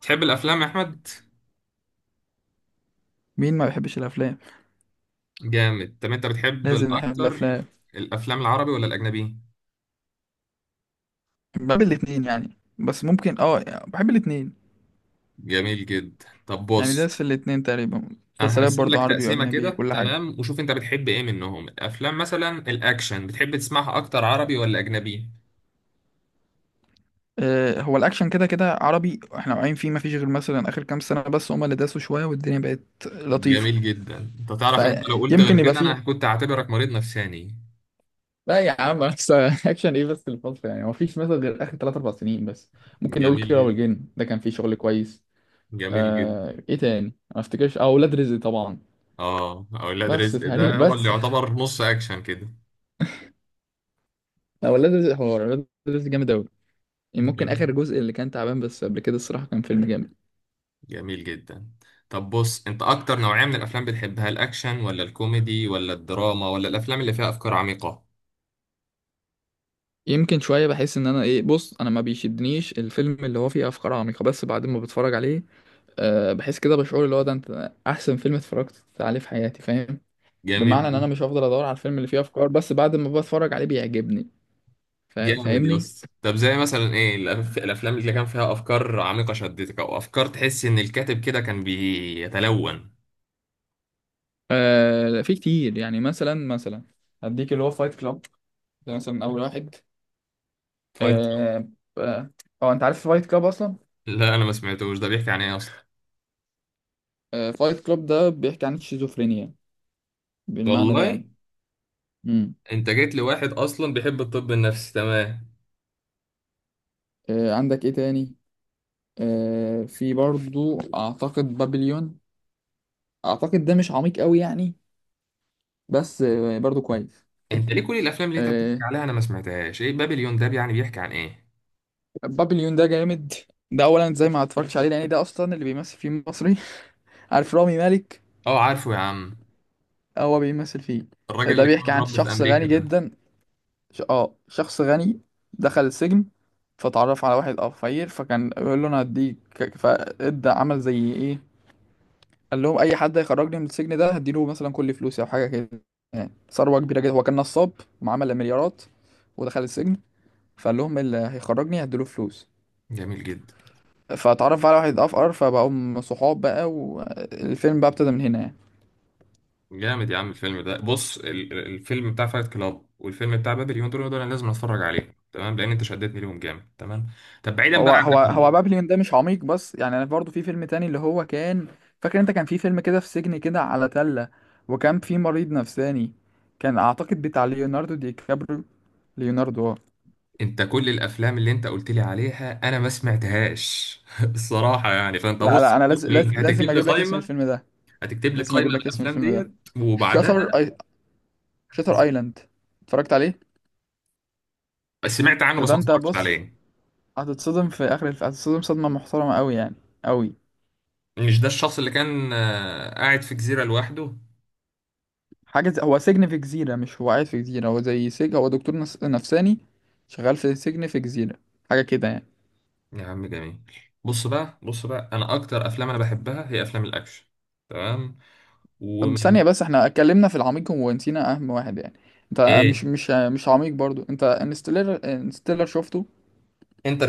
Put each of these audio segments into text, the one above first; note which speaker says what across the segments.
Speaker 1: تحب الافلام يا احمد؟
Speaker 2: مين ما بيحبش الافلام؟
Speaker 1: جامد. طب انت بتحب
Speaker 2: لازم نحب
Speaker 1: الاكتر
Speaker 2: الافلام.
Speaker 1: الافلام العربي ولا الاجنبي؟
Speaker 2: بحب الاتنين يعني، بس ممكن يعني بحب الاتنين،
Speaker 1: جميل جدا. طب
Speaker 2: يعني
Speaker 1: بص،
Speaker 2: دايس في الاتنين تقريبا.
Speaker 1: انا
Speaker 2: مسلسلات
Speaker 1: هقسم
Speaker 2: برضو
Speaker 1: لك
Speaker 2: عربي
Speaker 1: تقسيمه
Speaker 2: واجنبي،
Speaker 1: كده،
Speaker 2: كل حاجه.
Speaker 1: تمام؟ وشوف انت بتحب ايه منهم. الافلام مثلا الاكشن بتحب تسمعها اكتر عربي ولا اجنبي؟
Speaker 2: هو الاكشن كده كده عربي، احنا واقعين فيه، ما فيش غير مثلا اخر كام سنه بس، هما اللي داسوا شويه والدنيا بقت لطيفه،
Speaker 1: جميل جدا. انت تعرف ان انت لو قلت غير
Speaker 2: فيمكن يبقى
Speaker 1: كده
Speaker 2: فيه.
Speaker 1: انا كنت هعتبرك مريض نفساني.
Speaker 2: لا يا عم بس اكشن ايه بس؟ الفترة يعني ما فيش مثلا غير اخر 3 4 سنين بس. ممكن نقول
Speaker 1: جميل
Speaker 2: كيرة
Speaker 1: جدا،
Speaker 2: والجن، ده كان فيه شغل كويس.
Speaker 1: جميل جدا.
Speaker 2: ايه تاني؟ ما افتكرش. اه، ولاد رزق طبعا.
Speaker 1: اه، اولاد
Speaker 2: بس
Speaker 1: رزق
Speaker 2: تقريبا
Speaker 1: ده هو اللي
Speaker 2: بس.
Speaker 1: يعتبر نص اكشن.
Speaker 2: هو ولاد رزق، حوار ولاد رزق جامد أوي، يعني ممكن
Speaker 1: كده؟
Speaker 2: آخر جزء اللي كان تعبان، بس قبل كده الصراحة كان فيلم جامد.
Speaker 1: جميل جدا. طب بص، انت اكتر نوعية من الافلام بتحبها الاكشن ولا الكوميدي ولا الدراما ولا الافلام اللي فيها افكار عميقة؟
Speaker 2: يمكن شوية بحس إن أنا إيه، بص، أنا ما بيشدنيش الفيلم اللي هو فيه أفكار عميقة، بس بعد ما بتفرج عليه أه بحس كده بشعور اللي هو ده، أنت أحسن فيلم اتفرجت عليه في حياتي، فاهم؟
Speaker 1: جميل
Speaker 2: بمعنى إن أنا
Speaker 1: جدا.
Speaker 2: مش هفضل أدور على الفيلم اللي فيه أفكار، بس بعد ما بتفرج عليه بيعجبني.
Speaker 1: جامد يا
Speaker 2: فاهمني؟
Speaker 1: اسطى. طب زي مثلا ايه الافلام اللي كان فيها افكار عميقة شدتك، او افكار تحس ان الكاتب كده كان بيتلون؟
Speaker 2: أه لا، في كتير يعني، مثلا هديك اللي هو فايت كلاب. ده مثلا أول واحد.
Speaker 1: فايت سو-
Speaker 2: أه. آه، هو أنت عارف فايت كلاب أصلا؟
Speaker 1: لا، انا ما سمعتوش. ده بيحكي عن ايه اصلا؟
Speaker 2: آه، فايت كلوب ده بيحكي عن الشيزوفرينيا بالمعنى ده
Speaker 1: والله؟
Speaker 2: يعني. امم
Speaker 1: انت جيت لواحد اصلا بيحب الطب النفسي، تمام.
Speaker 2: آه، عندك ايه تاني؟ آه، في برضو اعتقد بابليون. اعتقد ده مش عميق قوي يعني، بس آه، برضو كويس.
Speaker 1: انت ليه كل الافلام اللي انت بتحكي
Speaker 2: آه،
Speaker 1: عليها انا ما سمعتهاش؟ ايه بابليون ده يعني؟ بيحكي عن ايه؟
Speaker 2: بابليون ده جامد. ده اولا زي ما اتفرجتش عليه لان ده اصلا اللي بيمثل فيه مصري عارف رامي مالك؟
Speaker 1: اه عارفه يا عم.
Speaker 2: هو بيمثل فيه.
Speaker 1: الراجل
Speaker 2: آه، ده
Speaker 1: اللي كان
Speaker 2: بيحكي عن
Speaker 1: متربي في
Speaker 2: شخص
Speaker 1: امريكا
Speaker 2: غني
Speaker 1: ده؟
Speaker 2: جدا، اه شخص غني دخل السجن، فتعرف على واحد اه فقير، فكان يقول له انا هديك. فادى عمل زي ايه، قال لهم اي حد هيخرجني من السجن ده هديله مثلا كل فلوسي او حاجه كده، يعني ثروه كبيره جدا. هو كان نصاب ومعامل مليارات، ودخل السجن. فقال لهم اللي هيخرجني هديله فلوس،
Speaker 1: جميل جدا.
Speaker 2: فاتعرف على واحد افقر، فبقوا صحاب بقى، والفيلم بقى ابتدى من هنا يعني.
Speaker 1: جامد يا عم. الفيلم ده، بص، الفيلم بتاع فايت كلاب والفيلم بتاع بابليون، دول انا لازم اتفرج عليهم، تمام، لان انت شدتني ليهم جامد، تمام. طب بعيدا بقى
Speaker 2: هو
Speaker 1: عن ده
Speaker 2: هو هو
Speaker 1: كله،
Speaker 2: بابليون ده مش عميق، بس يعني انا برضه في فيلم تاني اللي هو كان، فاكر؟ انت كان في فيلم كده في سجن كده على تله، وكان في مريض نفساني، كان اعتقد بتاع ليوناردو دي كابريو. ليوناردو اه.
Speaker 1: انت كل الافلام اللي انت قلت لي عليها انا ما سمعتهاش الصراحه، يعني فانت
Speaker 2: لا
Speaker 1: بص
Speaker 2: انا لازم لازم
Speaker 1: هتكتب
Speaker 2: لازم
Speaker 1: لي
Speaker 2: اجيب لك اسم
Speaker 1: قائمه،
Speaker 2: الفيلم ده.
Speaker 1: هتكتب لي
Speaker 2: لازم
Speaker 1: قائمه
Speaker 2: اجيب لك اسم
Speaker 1: بالافلام
Speaker 2: الفيلم ده.
Speaker 1: ديت.
Speaker 2: شاتر
Speaker 1: وبعدها؟
Speaker 2: اي شاتر ايلاند، اتفرجت عليه.
Speaker 1: سمعت عنه
Speaker 2: ده
Speaker 1: بس
Speaker 2: ده
Speaker 1: ما
Speaker 2: انت
Speaker 1: اتفرجتش
Speaker 2: بص،
Speaker 1: عليه.
Speaker 2: هتتصدم في اخر هتتصدم صدمة محترمة قوي يعني، قوي.
Speaker 1: مش ده الشخص اللي كان قاعد في جزيره لوحده؟
Speaker 2: حاجة زي... هو سجن في جزيرة، مش هو قاعد في جزيرة، هو زي سجن. هو دكتور نفساني شغال في سجن في جزيرة، حاجة كده يعني.
Speaker 1: يا عم جميل. بص بقى، بص بقى، انا اكتر افلام انا بحبها هي افلام الاكشن، تمام؟
Speaker 2: طب
Speaker 1: ومن
Speaker 2: ثانية بس، احنا اتكلمنا في العميق ونسينا اهم واحد يعني. انت
Speaker 1: ايه؟
Speaker 2: مش عميق برضو، انت انستيلر شفته؟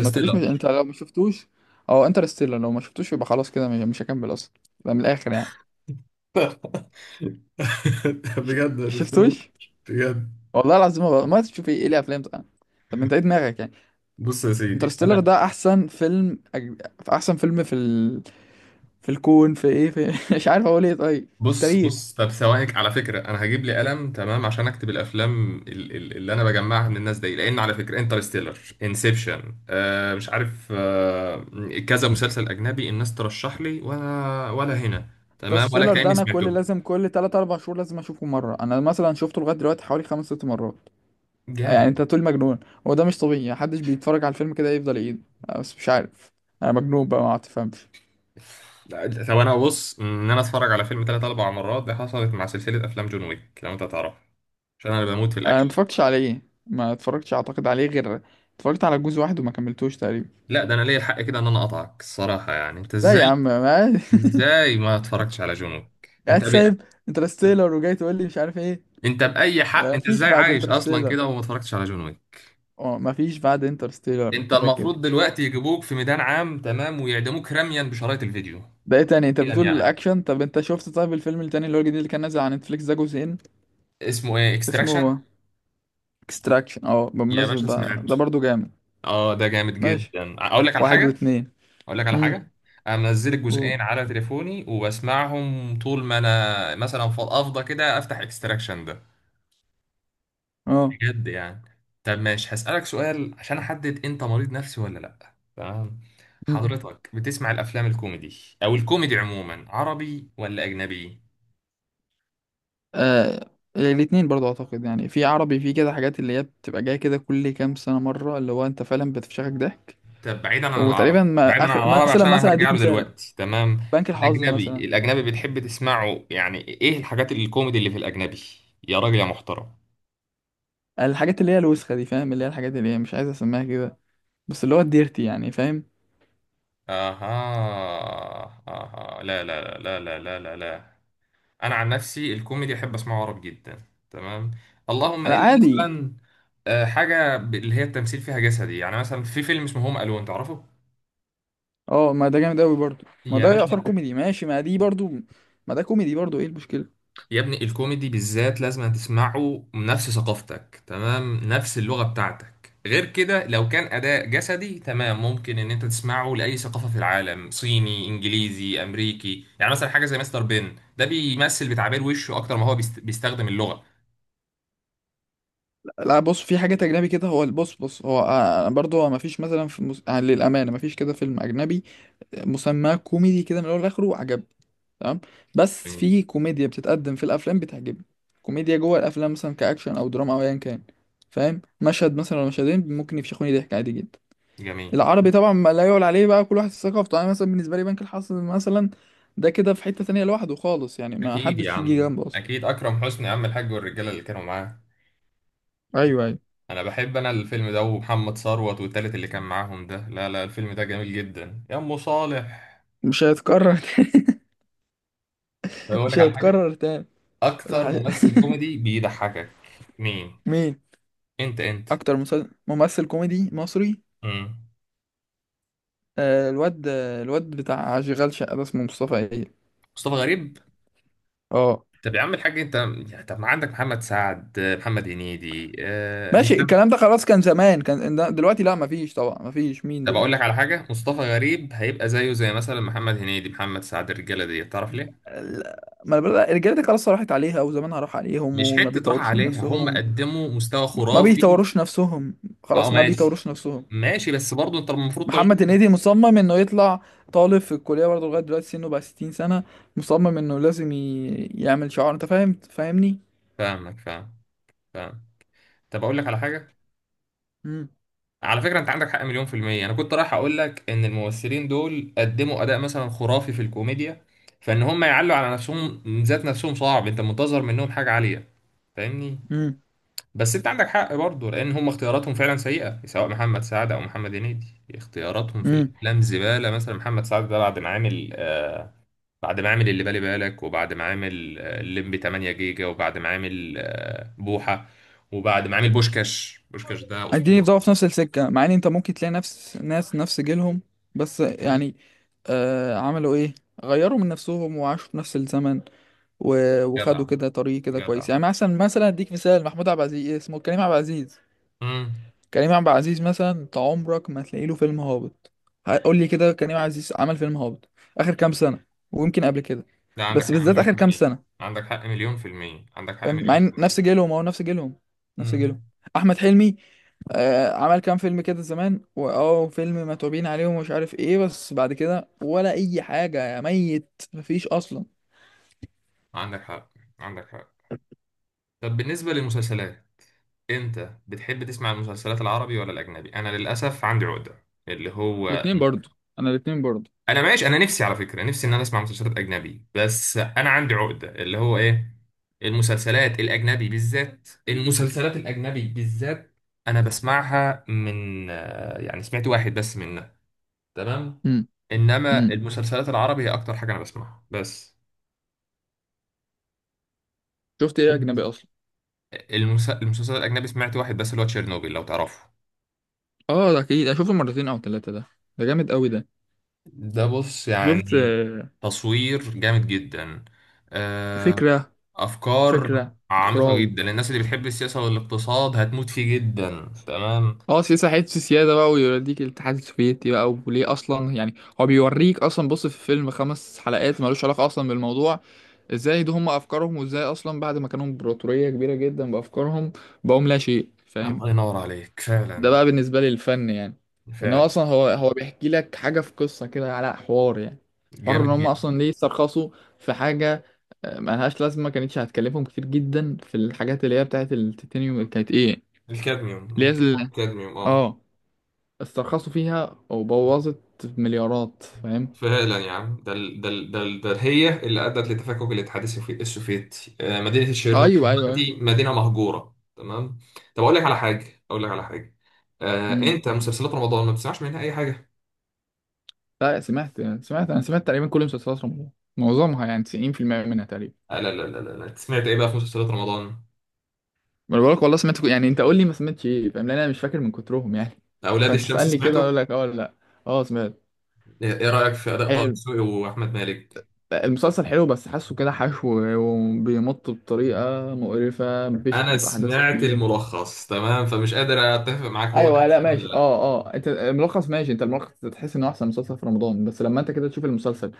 Speaker 2: ما تقوليش مش... انت لو ما شفتوش، او انترستيلر لو ما شفتوش، يبقى خلاص كده مش هكمل اصلا. ده من الاخر يعني. ش-
Speaker 1: بجد ما شفتوش.
Speaker 2: شفتوش؟
Speaker 1: بجد.
Speaker 2: والله العظيم، ما تشوف ايه؟ ليه؟ افلام طبعا. طب انت ايه دماغك يعني؟
Speaker 1: بص يا سيدي
Speaker 2: انترستيلر
Speaker 1: انا.
Speaker 2: ده احسن فيلم احسن فيلم في في الكون، في ايه، في مش عارف اقول ايه، طيب في
Speaker 1: بص
Speaker 2: التاريخ.
Speaker 1: بص، طب ثواني، على فكره انا هجيب لي قلم تمام عشان اكتب الافلام اللي انا بجمعها من الناس دي، لان على فكره انترستيلر، انسبشن، آه مش عارف، آه كذا مسلسل اجنبي الناس ترشح لي، ولا هنا تمام، ولا
Speaker 2: انترستيلر ده
Speaker 1: كاني
Speaker 2: انا كل
Speaker 1: سمعته.
Speaker 2: لازم كل 3 4 شهور لازم اشوفه مره. انا مثلا شفته لغايه دلوقتي حوالي 5 6 مرات، يعني انت
Speaker 1: جامد.
Speaker 2: تقول مجنون. هو ده مش طبيعي، محدش بيتفرج على الفيلم كده يفضل يعيد. أه، بس مش عارف، انا مجنون بقى، ما تفهمش.
Speaker 1: لا، طب انا بص، ان انا اتفرج على فيلم ثلاث اربع مرات دي حصلت مع سلسله افلام جون ويك لو انت تعرف، عشان انا بموت في
Speaker 2: انا ما
Speaker 1: الاكشن.
Speaker 2: اتفرجتش عليه، ما اتفرجتش اعتقد عليه غير، اتفرجت على جزء واحد وما كملتوش تقريبا.
Speaker 1: لا، ده انا ليا الحق كده ان انا اقطعك، الصراحه يعني انت
Speaker 2: لا
Speaker 1: ازاي؟
Speaker 2: يا عم، ما
Speaker 1: ازاي ما اتفرجتش على جون ويك؟
Speaker 2: قاعد سايب انترستيلر وجاي تقول لي مش عارف ايه.
Speaker 1: انت باي حق؟
Speaker 2: آه،
Speaker 1: انت
Speaker 2: مفيش
Speaker 1: ازاي
Speaker 2: بعد
Speaker 1: عايش اصلا
Speaker 2: انترستيلر.
Speaker 1: كده وما اتفرجتش على جون ويك؟
Speaker 2: اه مفيش بعد انترستيلر
Speaker 1: انت
Speaker 2: كده كده.
Speaker 1: المفروض دلوقتي يجيبوك في ميدان عام، تمام، ويعدموك رميا بشرايط الفيديو.
Speaker 2: ده ايه تاني؟ انت
Speaker 1: يعني
Speaker 2: بتقول
Speaker 1: يعني
Speaker 2: الاكشن، طب انت شفت طيب الفيلم التاني اللي هو الجديد اللي كان نازل على نتفليكس ده جزئين،
Speaker 1: اسمه ايه؟ اكستراكشن؟
Speaker 2: اسمه اكستراكشن؟ اه
Speaker 1: يا
Speaker 2: بمناسبة
Speaker 1: باشا
Speaker 2: بقى،
Speaker 1: سمعته.
Speaker 2: ده برضو جامد.
Speaker 1: اه ده جامد
Speaker 2: ماشي،
Speaker 1: جدا. اقول لك على
Speaker 2: واحد
Speaker 1: حاجه،
Speaker 2: واتنين.
Speaker 1: اقول لك على
Speaker 2: امم.
Speaker 1: حاجه، انا منزل
Speaker 2: و-.
Speaker 1: الجزئين على تليفوني وبسمعهم طول ما انا، مثلا فضفضه كده، افتح اكستراكشن ده،
Speaker 2: اه.
Speaker 1: بجد يعني. طب ماشي، هسالك سؤال عشان احدد انت مريض نفسي ولا لا، تمام؟
Speaker 2: امم.
Speaker 1: حضرتك بتسمع الافلام الكوميدي او الكوميدي عموما عربي ولا اجنبي؟
Speaker 2: آه، الاتنين برضو اعتقد، يعني في عربي في كده حاجات اللي هي بتبقى جايه كده كل كام سنة مرة اللي هو انت فعلا بتفشخك ضحك.
Speaker 1: طب بعيدا عن العربي،
Speaker 2: وتقريبا
Speaker 1: بعيدا
Speaker 2: ما
Speaker 1: عن
Speaker 2: اخر،
Speaker 1: العربي
Speaker 2: مثلا
Speaker 1: عشان انا
Speaker 2: مثلا
Speaker 1: هرجع
Speaker 2: اديك
Speaker 1: له
Speaker 2: مثال،
Speaker 1: دلوقتي، تمام؟
Speaker 2: بنك الحظ
Speaker 1: الاجنبي،
Speaker 2: مثلا.
Speaker 1: الاجنبي بتحب تسمعه، يعني ايه الحاجات الكوميدي اللي في الاجنبي؟ يا راجل يا محترم.
Speaker 2: الحاجات اللي هي الوسخه دي، فاهم؟ اللي هي الحاجات اللي هي مش عايز اسميها كده، بس اللي هو الديرتي يعني، فاهم؟
Speaker 1: اها اها، لا لا لا لا لا لا لا، انا عن نفسي الكوميدي احب اسمعه عربي جدا، تمام؟ اللهم
Speaker 2: انا
Speaker 1: الا
Speaker 2: عادي.
Speaker 1: مثلا حاجه اللي هي التمثيل فيها جسدي، يعني مثلا في فيلم اسمه هوم الون، تعرفه؟
Speaker 2: اه ما ده جامد قوي برضو، ما
Speaker 1: يا
Speaker 2: ده يعتبر
Speaker 1: باشا،
Speaker 2: كوميدي، ماشي، ما دي برضو، ما ده كوميدي برضو، ايه المشكله؟
Speaker 1: يا ابني، الكوميدي بالذات لازم تسمعه نفس ثقافتك، تمام، نفس اللغة بتاعتك. غير كده، لو كان أداء جسدي، تمام، ممكن إن أنت تسمعه لأي ثقافة في العالم، صيني، إنجليزي، أمريكي. يعني مثلا حاجة زي مستر بين ده بيمثل بتعبير وشه أكتر ما هو بيستخدم اللغة.
Speaker 2: لا بص، في حاجات اجنبي كده، هو بص هو آه، برضو ما فيش مثلا في آه، للامانه ما فيش كده فيلم اجنبي مسماه كوميدي كده من الاول لاخره وعجبني، تمام. بس
Speaker 1: جميل،
Speaker 2: في كوميديا بتتقدم في الافلام بتعجبني، كوميديا جوه الافلام مثلا كاكشن او دراما او ايا كان، فاهم؟ مشهد مثلا ولا مشهدين ممكن يفشخوني ضحك عادي جدا.
Speaker 1: جميل.
Speaker 2: العربي طبعا ما لا يعلى عليه بقى، كل واحد في ثقافته يعني، مثلا بالنسبه لي بنك الحظ مثلا ده كده في حته تانية لوحده خالص يعني، ما
Speaker 1: أكيد يا
Speaker 2: حدش يجي
Speaker 1: عم،
Speaker 2: جنبه اصلا.
Speaker 1: أكيد. أكرم حسني يا عم الحاج والرجالة اللي كانوا معاه.
Speaker 2: ايوه ايوه.
Speaker 1: أنا بحب أنا الفيلم ده، ومحمد ثروت والتالت اللي كان معاهم ده. لا لا، الفيلم ده جميل جدا يا أم صالح.
Speaker 2: مش هيتكرر تاني.
Speaker 1: بقول
Speaker 2: مش
Speaker 1: لك على حاجة،
Speaker 2: هيتكرر تاني.
Speaker 1: اكتر
Speaker 2: الحقيقة.
Speaker 1: ممثل كوميدي بيضحكك؟ مين؟
Speaker 2: مين؟
Speaker 1: انت، انت.
Speaker 2: اكتر ممثل كوميدي مصري؟
Speaker 1: مم.
Speaker 2: آه، الواد الواد بتاع اشغال شقه ده، اسمه مصطفى إيه؟
Speaker 1: مصطفى غريب.
Speaker 2: اه
Speaker 1: طب يا عم الحاج، انت يعني، طب ما عندك محمد سعد، محمد هنيدي، أه...
Speaker 2: ماشي،
Speaker 1: هشام.
Speaker 2: الكلام ده خلاص كان زمان، كان دلوقتي لا، مفيش طبعا، مفيش مين
Speaker 1: طب
Speaker 2: دول.
Speaker 1: اقول لك على حاجه، مصطفى غريب هيبقى زيه زي مثلا محمد هنيدي، محمد سعد، الرجاله دي، تعرف ليه؟
Speaker 2: لا، ما الرجاله دي خلاص راحت عليها، وزمانها راح عليهم،
Speaker 1: مش
Speaker 2: وما
Speaker 1: حته راحه
Speaker 2: بيطوروش من
Speaker 1: عليها، هم
Speaker 2: نفسهم.
Speaker 1: قدموا مستوى
Speaker 2: ما
Speaker 1: خرافي.
Speaker 2: بيطوروش نفسهم،
Speaker 1: اه
Speaker 2: خلاص، ما
Speaker 1: ماشي،
Speaker 2: بيطوروش نفسهم.
Speaker 1: ماشي، بس برضه انت المفروض
Speaker 2: محمد
Speaker 1: تعجبني.
Speaker 2: هنيدي مصمم انه يطلع طالب في الكليه برضه لغايه دلوقتي سنه بقى 60 سنه. مصمم انه لازم يعمل شعار، انت فاهم؟ فاهمني؟
Speaker 1: فاهمك، فاهم، فاهم. طب اقول لك على حاجه،
Speaker 2: امم.
Speaker 1: على فكرة انت عندك حق مليون في المية. انا كنت رايح اقول لك ان الممثلين دول قدموا اداء مثلا خرافي في الكوميديا، فان هم يعلوا على نفسهم ذات نفسهم صعب، انت منتظر منهم حاجة عالية، فاهمني؟ بس انت عندك حق برضه، لان هم اختياراتهم فعلا سيئة، سواء محمد سعد او محمد هنيدي، اختياراتهم في
Speaker 2: امم.
Speaker 1: الافلام زبالة. مثلا محمد سعد ده، بعد ما عامل آه، بعد ما عامل اللي بالي بالك، وبعد ما عامل آه، الليمبي 8 جيجا، وبعد ما عامل آه بوحة، وبعد ما عامل بوشكاش، بوشكاش ده
Speaker 2: اديني في
Speaker 1: اسطورة.
Speaker 2: ضعف في نفس السكه، مع ان انت ممكن تلاقي نفس ناس نفس جيلهم، بس يعني آه عملوا ايه؟ غيروا من نفسهم وعاشوا في نفس الزمن،
Speaker 1: جدع،
Speaker 2: وخدوا كده طريق كده كويس،
Speaker 1: جدع.
Speaker 2: يعني مثلا اديك مثال، محمود عبد العزيز، إيه اسمه، كريم عبد العزيز.
Speaker 1: امم.
Speaker 2: كريم عبد العزيز مثلا، انت عمرك ما هتلاقي له فيلم هابط. قول لي كده، كريم عبد العزيز عمل فيلم هابط اخر كام سنه؟ ويمكن قبل كده،
Speaker 1: لا، عندك
Speaker 2: بس
Speaker 1: حق
Speaker 2: بالذات
Speaker 1: مليون
Speaker 2: اخر
Speaker 1: في
Speaker 2: كام
Speaker 1: المية،
Speaker 2: سنه.
Speaker 1: عندك حق مليون في المية، عندك حق
Speaker 2: فاهم؟ مع
Speaker 1: مليون
Speaker 2: ان
Speaker 1: في
Speaker 2: نفس
Speaker 1: المية.
Speaker 2: جيلهم، او نفس جيلهم.
Speaker 1: امم.
Speaker 2: احمد حلمي آه، عمل كام فيلم كده زمان، واه فيلم متعوبين عليه ومش عارف ايه، بس بعد كده ولا اي حاجة، يا ميت، مفيش اصلا.
Speaker 1: عندك حق، عندك حق. طب بالنسبة للمسلسلات، انت بتحب تسمع المسلسلات العربي ولا الأجنبي؟ أنا للأسف عندي عقدة اللي هو،
Speaker 2: الاتنين برضو، انا الاتنين برضو.
Speaker 1: أنا ماشي، أنا نفسي على فكرة، نفسي إن أنا أسمع مسلسلات أجنبي، بس أنا عندي عقدة اللي هو إيه؟ المسلسلات الأجنبي بالذات، المسلسلات الأجنبي بالذات أنا بسمعها من آه، يعني سمعت واحد بس منها، تمام.
Speaker 2: امم.
Speaker 1: انما
Speaker 2: امم.
Speaker 1: المسلسلات العربي هي اكتر حاجه انا بسمعها بس.
Speaker 2: شفت ايه اجنبي اصلا؟
Speaker 1: المسلسل الاجنبي سمعت واحد بس، اللي هو تشيرنوبيل، لو تعرفه.
Speaker 2: اه ده اكيد انا شفته مرتين او ثلاثه ده، ده جامد قوي ده.
Speaker 1: ده بص
Speaker 2: شفت
Speaker 1: يعني
Speaker 2: آه،
Speaker 1: تصوير جامد جدا، آه،
Speaker 2: فكره.
Speaker 1: افكار
Speaker 2: فكره
Speaker 1: عميقه
Speaker 2: اخراج.
Speaker 1: جدا. الناس اللي بتحب السياسه والاقتصاد هتموت فيه جدا، تمام.
Speaker 2: اه سياسه، حته سياده بقى، ويوريك الاتحاد السوفيتي بقى، وليه اصلا يعني. هو بيوريك اصلا، بص، في فيلم خمس حلقات ملوش علاقه اصلا بالموضوع، ازاي دي هم افكارهم، وازاي اصلا بعد ما كانوا امبراطورية كبيرة جدا بافكارهم بقوم لا شيء، فاهم؟
Speaker 1: الله ينور عليك
Speaker 2: ده
Speaker 1: فعلا.
Speaker 2: بقى بالنسبة لي الفن يعني، ان هو
Speaker 1: فعلا.
Speaker 2: اصلا هو بيحكي لك حاجة في قصة كده على حوار يعني، حوار ان
Speaker 1: جامد
Speaker 2: هم
Speaker 1: جدا.
Speaker 2: اصلا ليه استرخصوا في حاجة آه، ملهاش لازمة، ما كانتش هتكلفهم كتير جدا. في الحاجات اللي هي بتاعت التيتانيوم، كانت ايه،
Speaker 1: الكادميوم،
Speaker 2: اللي هي
Speaker 1: مخدرات الكادميوم اه.
Speaker 2: اه، استرخصوا فيها وبوظت مليارات، فاهم؟
Speaker 1: فعلا يا عم. ده ال- ده ال- ده ال- ده هي اللي ادت لتفكك السوفيتي. آه، مدينه الشيرنوبل
Speaker 2: ايوه.
Speaker 1: دلوقتي مدينه مهجوره، تمام. طب اقول لك على حاجه، اقول لك على حاجه، آه،
Speaker 2: مم.
Speaker 1: انت مسلسلات رمضان ما بتسمعش منها اي حاجه؟
Speaker 2: لا سمعت، سمعت انا سمعت تقريبا كل مسلسلات رمضان، معظمها يعني 90% منها تقريبا.
Speaker 1: آه، لا لا لا لا لا، أنت سمعت ايه بقى في مسلسلات رمضان؟
Speaker 2: ما انا بقولك والله سمعت يعني انت قول لي ما سمعتش ايه، فاهم؟ لان انا مش فاكر من كترهم يعني
Speaker 1: اولاد
Speaker 2: فانت
Speaker 1: الشمس
Speaker 2: تسالني كده
Speaker 1: سمعته؟
Speaker 2: اقول لك اه ولا لا. اه سمعت.
Speaker 1: ايه إيه رايك في اداء طه
Speaker 2: حلو،
Speaker 1: دسوقي واحمد مالك؟
Speaker 2: المسلسل حلو، بس حاسه كده حشو وبيمط بطريقه مقرفه، مفيش
Speaker 1: انا
Speaker 2: خطوط احداث
Speaker 1: سمعت
Speaker 2: كتير.
Speaker 1: الملخص، تمام، فمش قادر اتفق معاك، هو
Speaker 2: ايوه لا
Speaker 1: اكشن
Speaker 2: ماشي
Speaker 1: ولا لا؟
Speaker 2: اه. اه انت الملخص ماشي، انت الملخص تحس انه احسن مسلسل في رمضان، بس لما انت كده تشوف المسلسل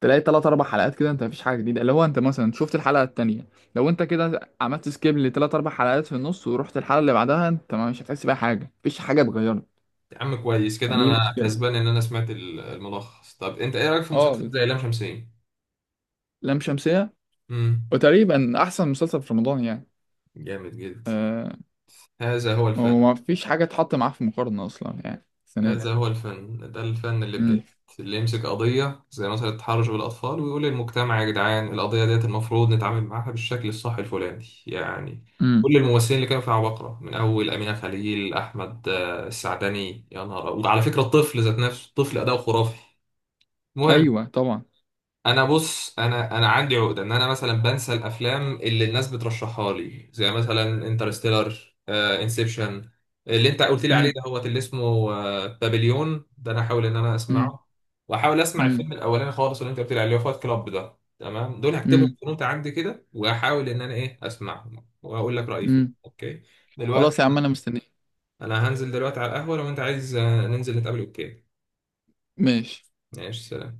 Speaker 2: تلاقي تلات أربع حلقات كده أنت مفيش حاجة جديدة، اللي هو أنت مثلا شفت الحلقة التانية، لو أنت كده عملت سكيب لتلات أربع حلقات في النص ورحت الحلقة اللي بعدها أنت مش هتحس بأي حاجة، مفيش حاجة اتغيرت.
Speaker 1: يا عم كويس كده، انا
Speaker 2: دي
Speaker 1: أنا
Speaker 2: مشكلة.
Speaker 1: كسبان ان انا سمعت الملخص. طب انت ايه رايك في مسلسل
Speaker 2: أه،
Speaker 1: زي لام شمسية؟
Speaker 2: لام شمسية،
Speaker 1: مم.
Speaker 2: وتقريبا أحسن مسلسل في رمضان يعني.
Speaker 1: جامد جدا.
Speaker 2: أه،
Speaker 1: هذا هو الفن.
Speaker 2: ومفيش حاجة تحط معاه في مقارنة أصلا يعني السنة دي.
Speaker 1: هذا هو الفن، ده الفن اللي بجد،
Speaker 2: امم.
Speaker 1: اللي يمسك قضية زي مثلا التحرش بالأطفال ويقول للمجتمع يا جدعان، القضية ديت المفروض نتعامل معاها بالشكل الصح الفلاني يعني.
Speaker 2: امم.
Speaker 1: كل الممثلين اللي كانوا في عبقرة، من أول أمينة خليل، أحمد آه، السعدني، يا نهار أبيض. وعلى فكرة الطفل ذات نفسه، الطفل أداؤه خرافي. المهم،
Speaker 2: أيوه طبعا.
Speaker 1: انا بص، انا انا عندي عقده ان انا مثلا بنسى الافلام اللي الناس بترشحها لي، زي مثلا انترستيلر، انسبشن اللي انت قلت لي عليه
Speaker 2: امم.
Speaker 1: ده، هو اللي اسمه آه، بابليون ده انا احاول ان انا
Speaker 2: امم.
Speaker 1: اسمعه، واحاول اسمع الفيلم الاولاني خالص اللي انت قلت لي عليه، فايت كلاب ده، تمام، دول هكتبهم
Speaker 2: امم.
Speaker 1: في نوت عندي كده، واحاول ان انا ايه اسمعهم واقول لك رايي فيه،
Speaker 2: امم.
Speaker 1: اوكي؟ دلوقتي
Speaker 2: خلاص يا عم أنا مستنيك.
Speaker 1: انا هنزل دلوقتي على القهوه، لو انت عايز آه، ننزل نتقابل، اوكي؟
Speaker 2: ماشي.
Speaker 1: ماشي.